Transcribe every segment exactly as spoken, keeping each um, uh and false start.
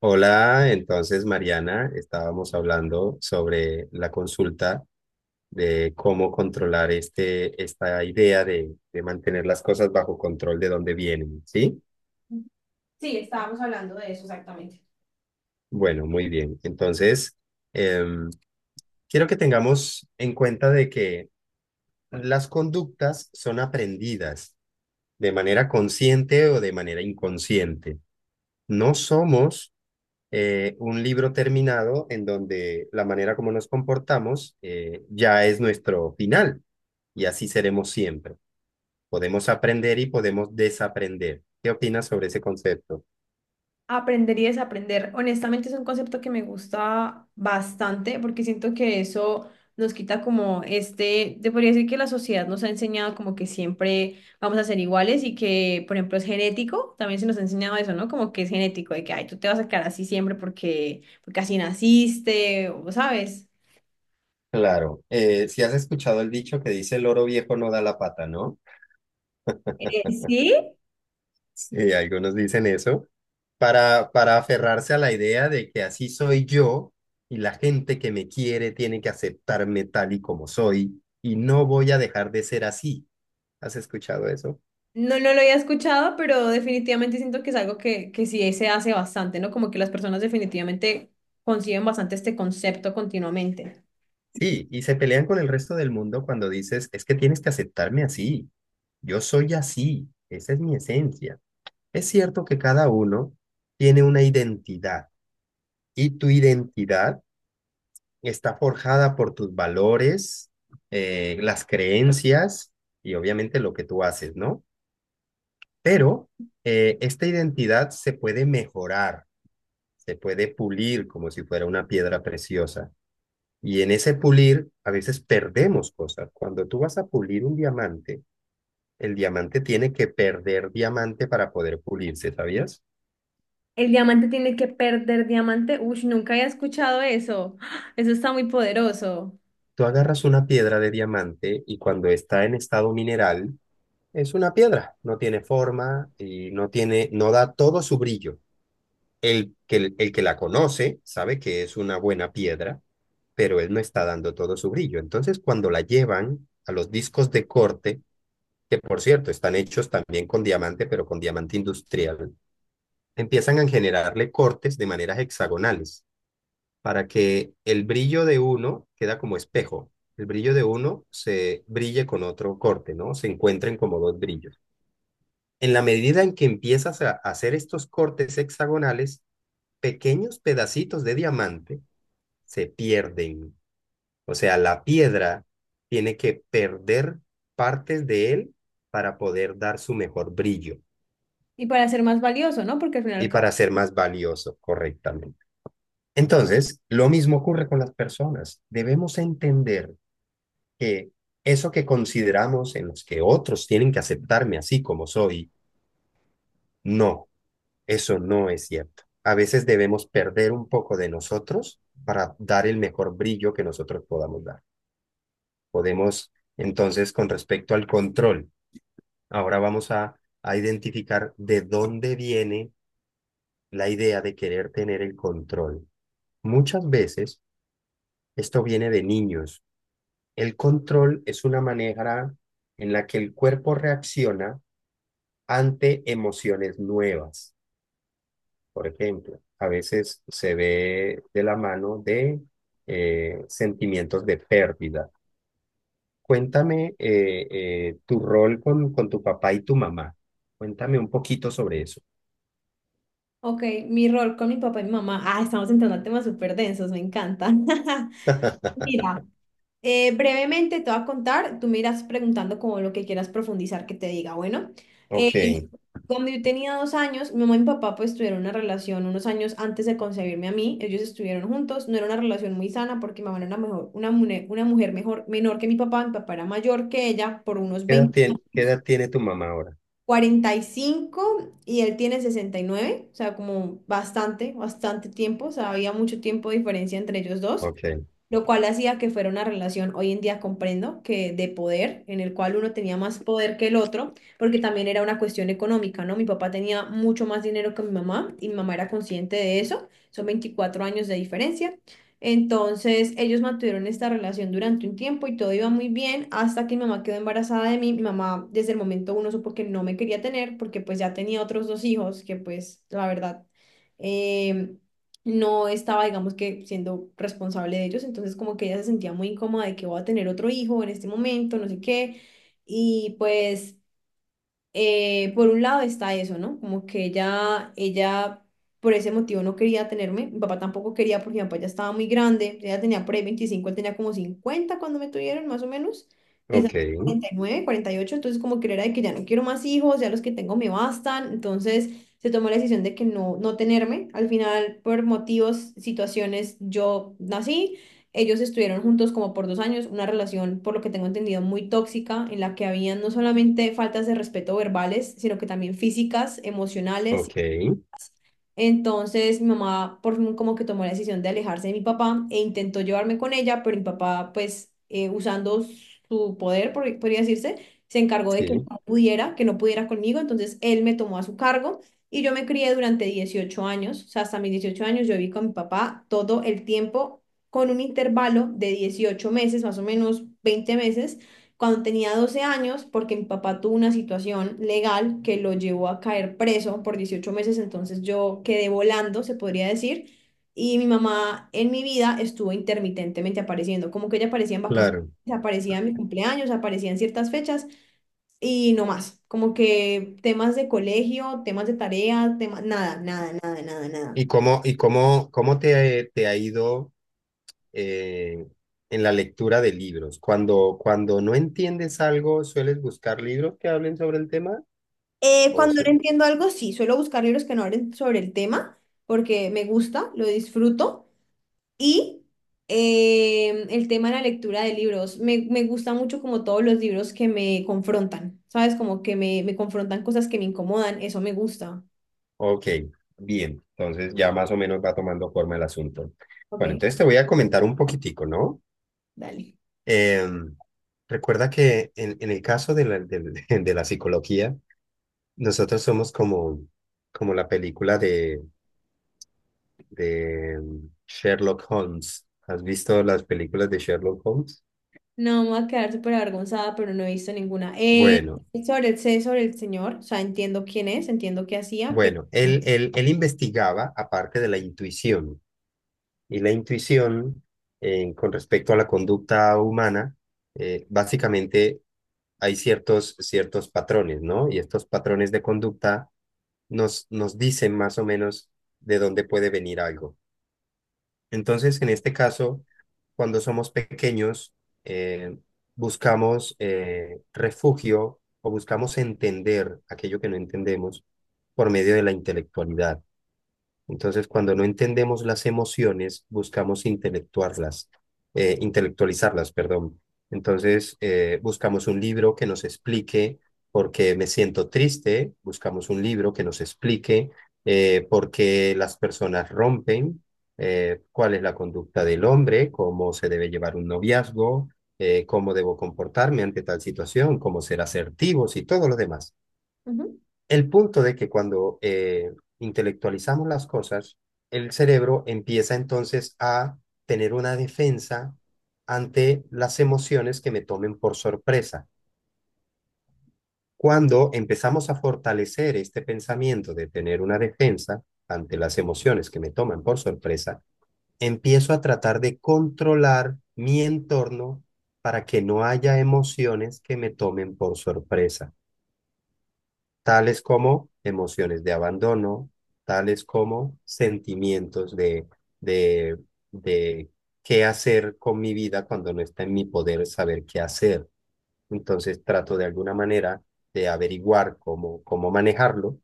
Hola, entonces Mariana, estábamos hablando sobre la consulta de cómo controlar este, esta idea de, de mantener las cosas bajo control de dónde vienen, ¿sí? Sí, estábamos hablando de eso exactamente. Bueno, muy bien. Entonces, em, quiero que tengamos en cuenta de que las conductas son aprendidas de manera consciente o de manera inconsciente. No somos eh, un libro terminado en donde la manera como nos comportamos eh, ya es nuestro final y así seremos siempre. Podemos aprender y podemos desaprender. ¿Qué opinas sobre ese concepto? Aprender y desaprender. Honestamente es un concepto que me gusta bastante porque siento que eso nos quita como este, te podría decir que la sociedad nos ha enseñado como que siempre vamos a ser iguales y que, por ejemplo, es genético, también se nos ha enseñado eso, ¿no? Como que es genético, de que, ay, tú te vas a quedar así siempre porque, porque así naciste, o sabes. Claro, eh, si has escuchado el dicho que dice el loro viejo no da la pata, ¿no? Eh, sí, Sí, algunos dicen eso, para, para aferrarse a la idea de que así soy yo y la gente que me quiere tiene que aceptarme tal y como soy y no voy a dejar de ser así. ¿Has escuchado eso? no, no lo había escuchado, pero definitivamente siento que es algo que, que sí se hace bastante, ¿no? Como que las personas definitivamente conciben bastante este concepto continuamente. Sí, y se pelean con el resto del mundo cuando dices, es que tienes que aceptarme así, yo soy así, esa es mi esencia. Es cierto que cada uno tiene una identidad y tu identidad está forjada por tus valores, eh, las creencias y obviamente lo que tú haces, ¿no? Pero eh, esta identidad se puede mejorar, se puede pulir como si fuera una piedra preciosa. Y en ese pulir a veces perdemos cosas. Cuando tú vas a pulir un diamante, el diamante tiene que perder diamante para poder pulirse, ¿sabías? El diamante tiene que perder diamante. Uy, nunca había escuchado eso. ¡Ah! Eso está muy poderoso. Tú agarras una piedra de diamante y cuando está en estado mineral, es una piedra, no tiene forma y no tiene, no da todo su brillo. El que, el que la conoce sabe que es una buena piedra, pero él no está dando todo su brillo. Entonces, cuando la llevan a los discos de corte, que por cierto están hechos también con diamante, pero con diamante industrial, empiezan a generarle cortes de maneras hexagonales para que el brillo de uno queda como espejo. El brillo de uno se brille con otro corte, ¿no? Se encuentren como dos brillos. En la medida en que empiezas a hacer estos cortes hexagonales, pequeños pedacitos de diamante se pierden. O sea, la piedra tiene que perder partes de él para poder dar su mejor brillo. Y para ser más valioso, ¿no? Porque al final, Y co- para ser más valioso correctamente. Entonces, lo mismo ocurre con las personas. Debemos entender que eso que consideramos en los que otros tienen que aceptarme así como soy, no, eso no es cierto. A veces debemos perder un poco de nosotros para dar el mejor brillo que nosotros podamos dar. Podemos, entonces, con respecto al control, ahora vamos a, a identificar de dónde viene la idea de querer tener el control. Muchas veces esto viene de niños. El control es una manera en la que el cuerpo reacciona ante emociones nuevas. Por ejemplo, a veces se ve de la mano de eh, sentimientos de pérdida. Cuéntame eh, eh, tu rol con, con tu papá y tu mamá. Cuéntame un poquito sobre eso. ok, mi rol con mi papá y mi mamá. Ah, estamos entrando a temas súper densos, me encanta. Mira. Eh, brevemente te voy a contar, tú me irás preguntando como lo que quieras profundizar que te diga. Bueno, eh, Ok. ¿Qué cuando yo tenía dos años, mi mamá y mi papá pues tuvieron una relación unos años antes de concebirme a mí, ellos estuvieron juntos, no era una relación muy sana porque mi mamá era una, mejor, una, mune- una mujer mejor, menor que mi papá, mi papá era mayor que ella por unos edad veinte tiene, qué años edad tiene tu mamá ahora? cuarenta y cinco y él tiene sesenta y nueve, o sea, como bastante, bastante tiempo, o sea, había mucho tiempo de diferencia entre ellos dos, Ok, lo cual hacía que fuera una relación, hoy en día comprendo, que de poder, en el cual uno tenía más poder que el otro, porque también era una cuestión económica, ¿no? Mi papá tenía mucho más dinero que mi mamá y mi mamá era consciente de eso, son veinticuatro años de diferencia. Entonces, ellos mantuvieron esta relación durante un tiempo y todo iba muy bien hasta que mi mamá quedó embarazada de mí. Mi mamá desde el momento uno supo que no me quería tener porque pues ya tenía otros dos hijos que pues la verdad em, no estaba, digamos, que siendo responsable de ellos. Entonces como que ella se sentía muy incómoda de que voy a tener otro hijo en este momento, no sé qué. Y pues eh, por un lado está eso, ¿no? Como que ella, ella por ese motivo no quería tenerme, mi papá tampoco quería porque mi papá ya estaba muy grande, ella tenía por ahí veinticinco, él tenía como cincuenta cuando me tuvieron, más o menos, quizás ok, cuarenta cuarenta nueve, cuarenta y ocho. Entonces como que era de que ya no quiero más hijos, ya los que tengo me bastan, entonces se tomó la decisión de que no, no tenerme, al final por motivos, situaciones, yo nací. Ellos estuvieron juntos como por dos años, una relación, por lo que tengo entendido, muy tóxica, en la que habían no solamente faltas de respeto verbales, sino que también físicas, emocionales. ok, Entonces mi mamá por fin como que tomó la decisión de alejarse de mi papá e intentó llevarme con ella, pero mi papá pues eh, usando su poder, por- podría decirse, se encargó de que sí, no pudiera, que no pudiera conmigo, entonces él me tomó a su cargo y yo me crié durante dieciocho años, o sea, hasta mis dieciocho años yo viví con mi papá todo el tiempo, con un intervalo de dieciocho meses, más o menos veinte meses, cuando tenía doce años, porque mi papá tuvo una situación legal que lo llevó a caer preso por dieciocho meses. Entonces yo quedé volando, se podría decir, y mi mamá en mi vida estuvo intermitentemente apareciendo, como que ella aparecía en vacaciones, claro. aparecía en mi cumpleaños, aparecía en ciertas fechas y no más, como que temas de colegio, temas de tarea, temas, nada, nada, nada, nada, nada. ¿Y cómo, y cómo, cómo te, te ha ido eh, en la lectura de libros? Cuando, cuando no entiendes algo, ¿sueles buscar libros que hablen sobre el tema? Eh, O cuando se- no entiendo algo, sí, suelo buscar libros que no hablen sobre el tema porque me gusta, lo disfruto. Y em, el tema de la lectura de libros. Me, me gusta mucho como todos los libros que me confrontan, ¿sabes? Como que me, me confrontan cosas que me incomodan, eso me gusta. ok, bien. Entonces ya más o menos va tomando forma el asunto. Ok, Bueno, entonces te voy a comentar un poquitico, ¿no? dale. Em, recuerda que en, en el caso de la, del- de la psicología, nosotros somos como, como la película de de mm, Sherlock Holmes. ¿Has visto las películas de Sherlock Holmes? No, me voy a quedar súper avergonzada, pero no he visto ninguna. Eh, Bueno, sobre el, sé sobre el señor, o sea, entiendo quién es, entiendo qué hacía, pero... bueno, él, él, él investigaba aparte de la intuición y la intuición eh, con respecto a la conducta humana, eh, básicamente hay ciertos, ciertos patrones, ¿no? Y estos patrones de conducta nos, nos dicen más o menos de dónde puede venir algo. Entonces, en este caso, cuando somos pequeños, eh, buscamos eh, refugio o buscamos entender aquello que no entendemos por medio de la intelectualidad. Entonces, cuando no entendemos las emociones, buscamos intelectuarlas, eh, intelectualizarlas, perdón. Entonces, eh, buscamos un libro que nos explique por qué me siento triste, buscamos un libro que nos explique eh, por qué las personas rompen, eh, cuál es la conducta del hombre, cómo se debe llevar un noviazgo, eh, cómo debo comportarme ante tal situación, cómo ser asertivos y todo lo demás. Ujú. El punto de que cuando eh, intelectualizamos las cosas, el cerebro empieza entonces a tener una defensa ante las emociones que me tomen por sorpresa. Cuando empezamos a fortalecer este pensamiento de tener una defensa ante las emociones que me toman por sorpresa, empiezo a tratar de controlar mi entorno para que no haya emociones que me tomen por sorpresa, tales como emociones de abandono, tales como sentimientos de, de, de qué hacer con mi vida cuando no está en mi poder saber qué hacer. Entonces trato de alguna manera de averiguar cómo, cómo manejarlo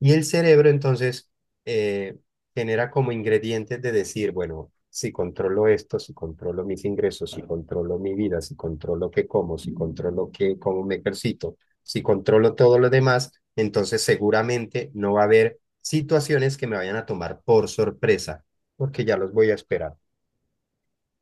y el cerebro entonces eh, genera como ingredientes de decir, bueno, si controlo esto, si controlo mis ingresos, si controlo mi vida, si controlo qué como, si controlo qué, cómo me ejercito, si controlo todo lo demás, entonces seguramente no va a haber situaciones que me vayan a tomar por sorpresa, porque ya los voy a esperar.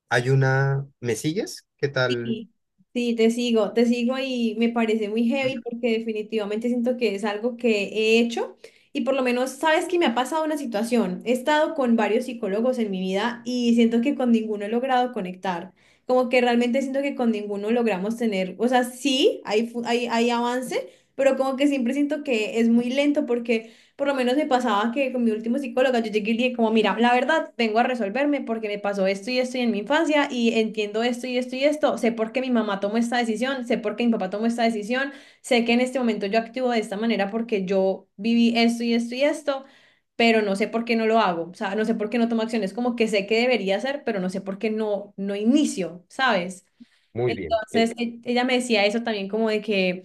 Hay una, ¿me sigues? ¿Qué tal? Sí, sí, te sigo, te sigo, y me parece muy heavy porque definitivamente siento que es algo que he hecho y por lo menos sabes que me ha pasado una situación. He estado con varios psicólogos en mi vida y siento que con ninguno he logrado conectar. Como que realmente siento que con ninguno logramos tener, o sea, sí, hay, fu- hay, hay avance, pero como que siempre siento que es muy lento porque... Por lo menos me pasaba que con mi último psicóloga yo llegué y le dije como, mira, la verdad, vengo a resolverme porque me pasó esto y esto y en mi infancia y entiendo esto y esto y esto, sé por qué mi mamá tomó esta decisión, sé por qué mi papá tomó esta decisión, sé que en este momento yo actúo de esta manera porque yo viví esto y esto y esto, pero no sé por qué no lo hago, o sea, no sé por qué no tomo acciones, como que sé que debería hacer, pero no sé por qué no, no inicio, ¿sabes? Muy bien. Eh, Entonces, e- ella me decía eso también, como de que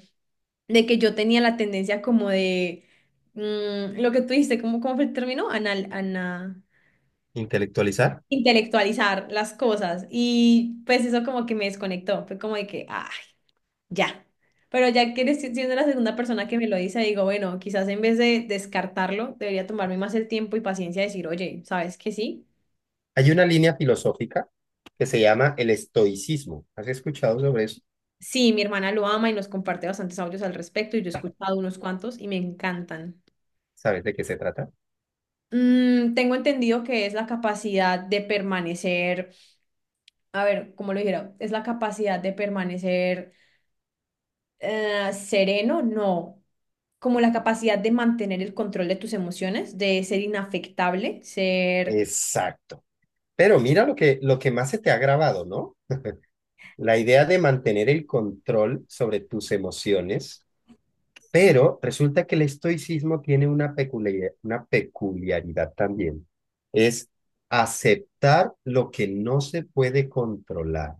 de que yo tenía la tendencia, como de mm, lo que tú dijiste, ¿cómo, cómo fue el término? Anal, ana, Intelectualizar. intelectualizar las cosas. Y pues eso como que me desconectó. Fue como de que, ah, ya. Pero ya que eres si, siendo la segunda persona que me lo dice, digo, bueno, quizás en vez de descartarlo, debería tomarme más el tiempo y paciencia de decir, oye, ¿sabes qué sí? Hay una línea filosófica que se llama el estoicismo. ¿Has escuchado sobre eso? Sí, mi hermana lo ama y nos comparte bastantes audios al respecto y yo he escuchado unos cuantos y me encantan. ¿Sabes de qué se trata? Mm, tengo entendido que es la capacidad de permanecer, a ver, como lo dijera, es la capacidad de permanecer eh, sereno, no, como la capacidad de mantener el control de tus emociones, de ser inafectable, ser... Exacto. Pero mira lo que, lo que más se te ha grabado, ¿no? La idea de mantener el control sobre tus emociones, pero resulta que el estoicismo tiene una peculiaridad, una peculiaridad también. Es aceptar lo que no se puede controlar.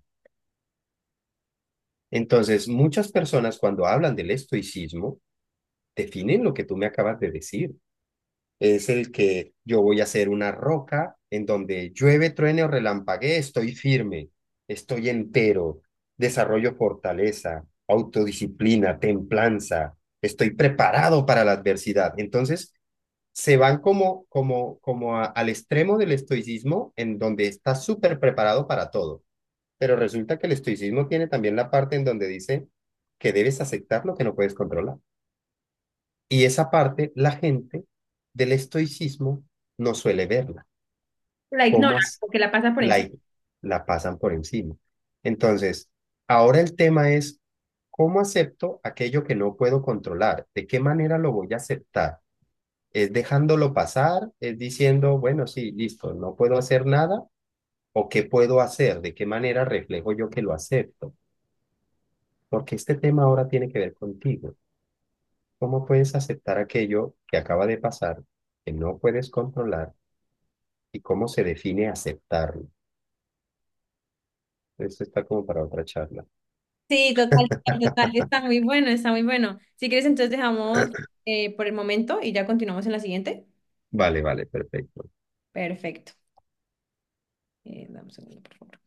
Entonces, muchas personas cuando hablan del estoicismo definen lo que tú me acabas de decir. Es el que yo voy a ser una roca en donde llueve, truene o relampaguee, estoy firme, estoy entero, desarrollo fortaleza, autodisciplina, templanza, estoy preparado para la adversidad. Entonces, se van como, como, como a- al extremo del estoicismo en donde está súper preparado para todo. Pero resulta que el estoicismo tiene también la parte en donde dice que debes aceptar lo que no puedes controlar. Y esa parte la gente del estoicismo no suele verla, La ignora, cómo porque la pasa por encima. la, la pasan por encima. Entonces, ahora el tema es, ¿cómo acepto aquello que no puedo controlar? ¿De qué manera lo voy a aceptar? ¿Es dejándolo pasar? ¿Es diciendo, bueno, sí, listo, no puedo hacer nada? ¿O qué puedo hacer? ¿De qué manera reflejo yo que lo acepto? Porque este tema ahora tiene que ver contigo. ¿Cómo puedes aceptar aquello que acaba de pasar, que no puedes controlar? ¿Y cómo se define aceptarlo? Eso está como para otra charla. Sí, total, total, está muy bueno, está muy bueno. Si quieres, entonces dejamos eh, por el momento y ya continuamos en la siguiente. Vale, vale, perfecto. Perfecto. Eh, dame un segundo, por favor.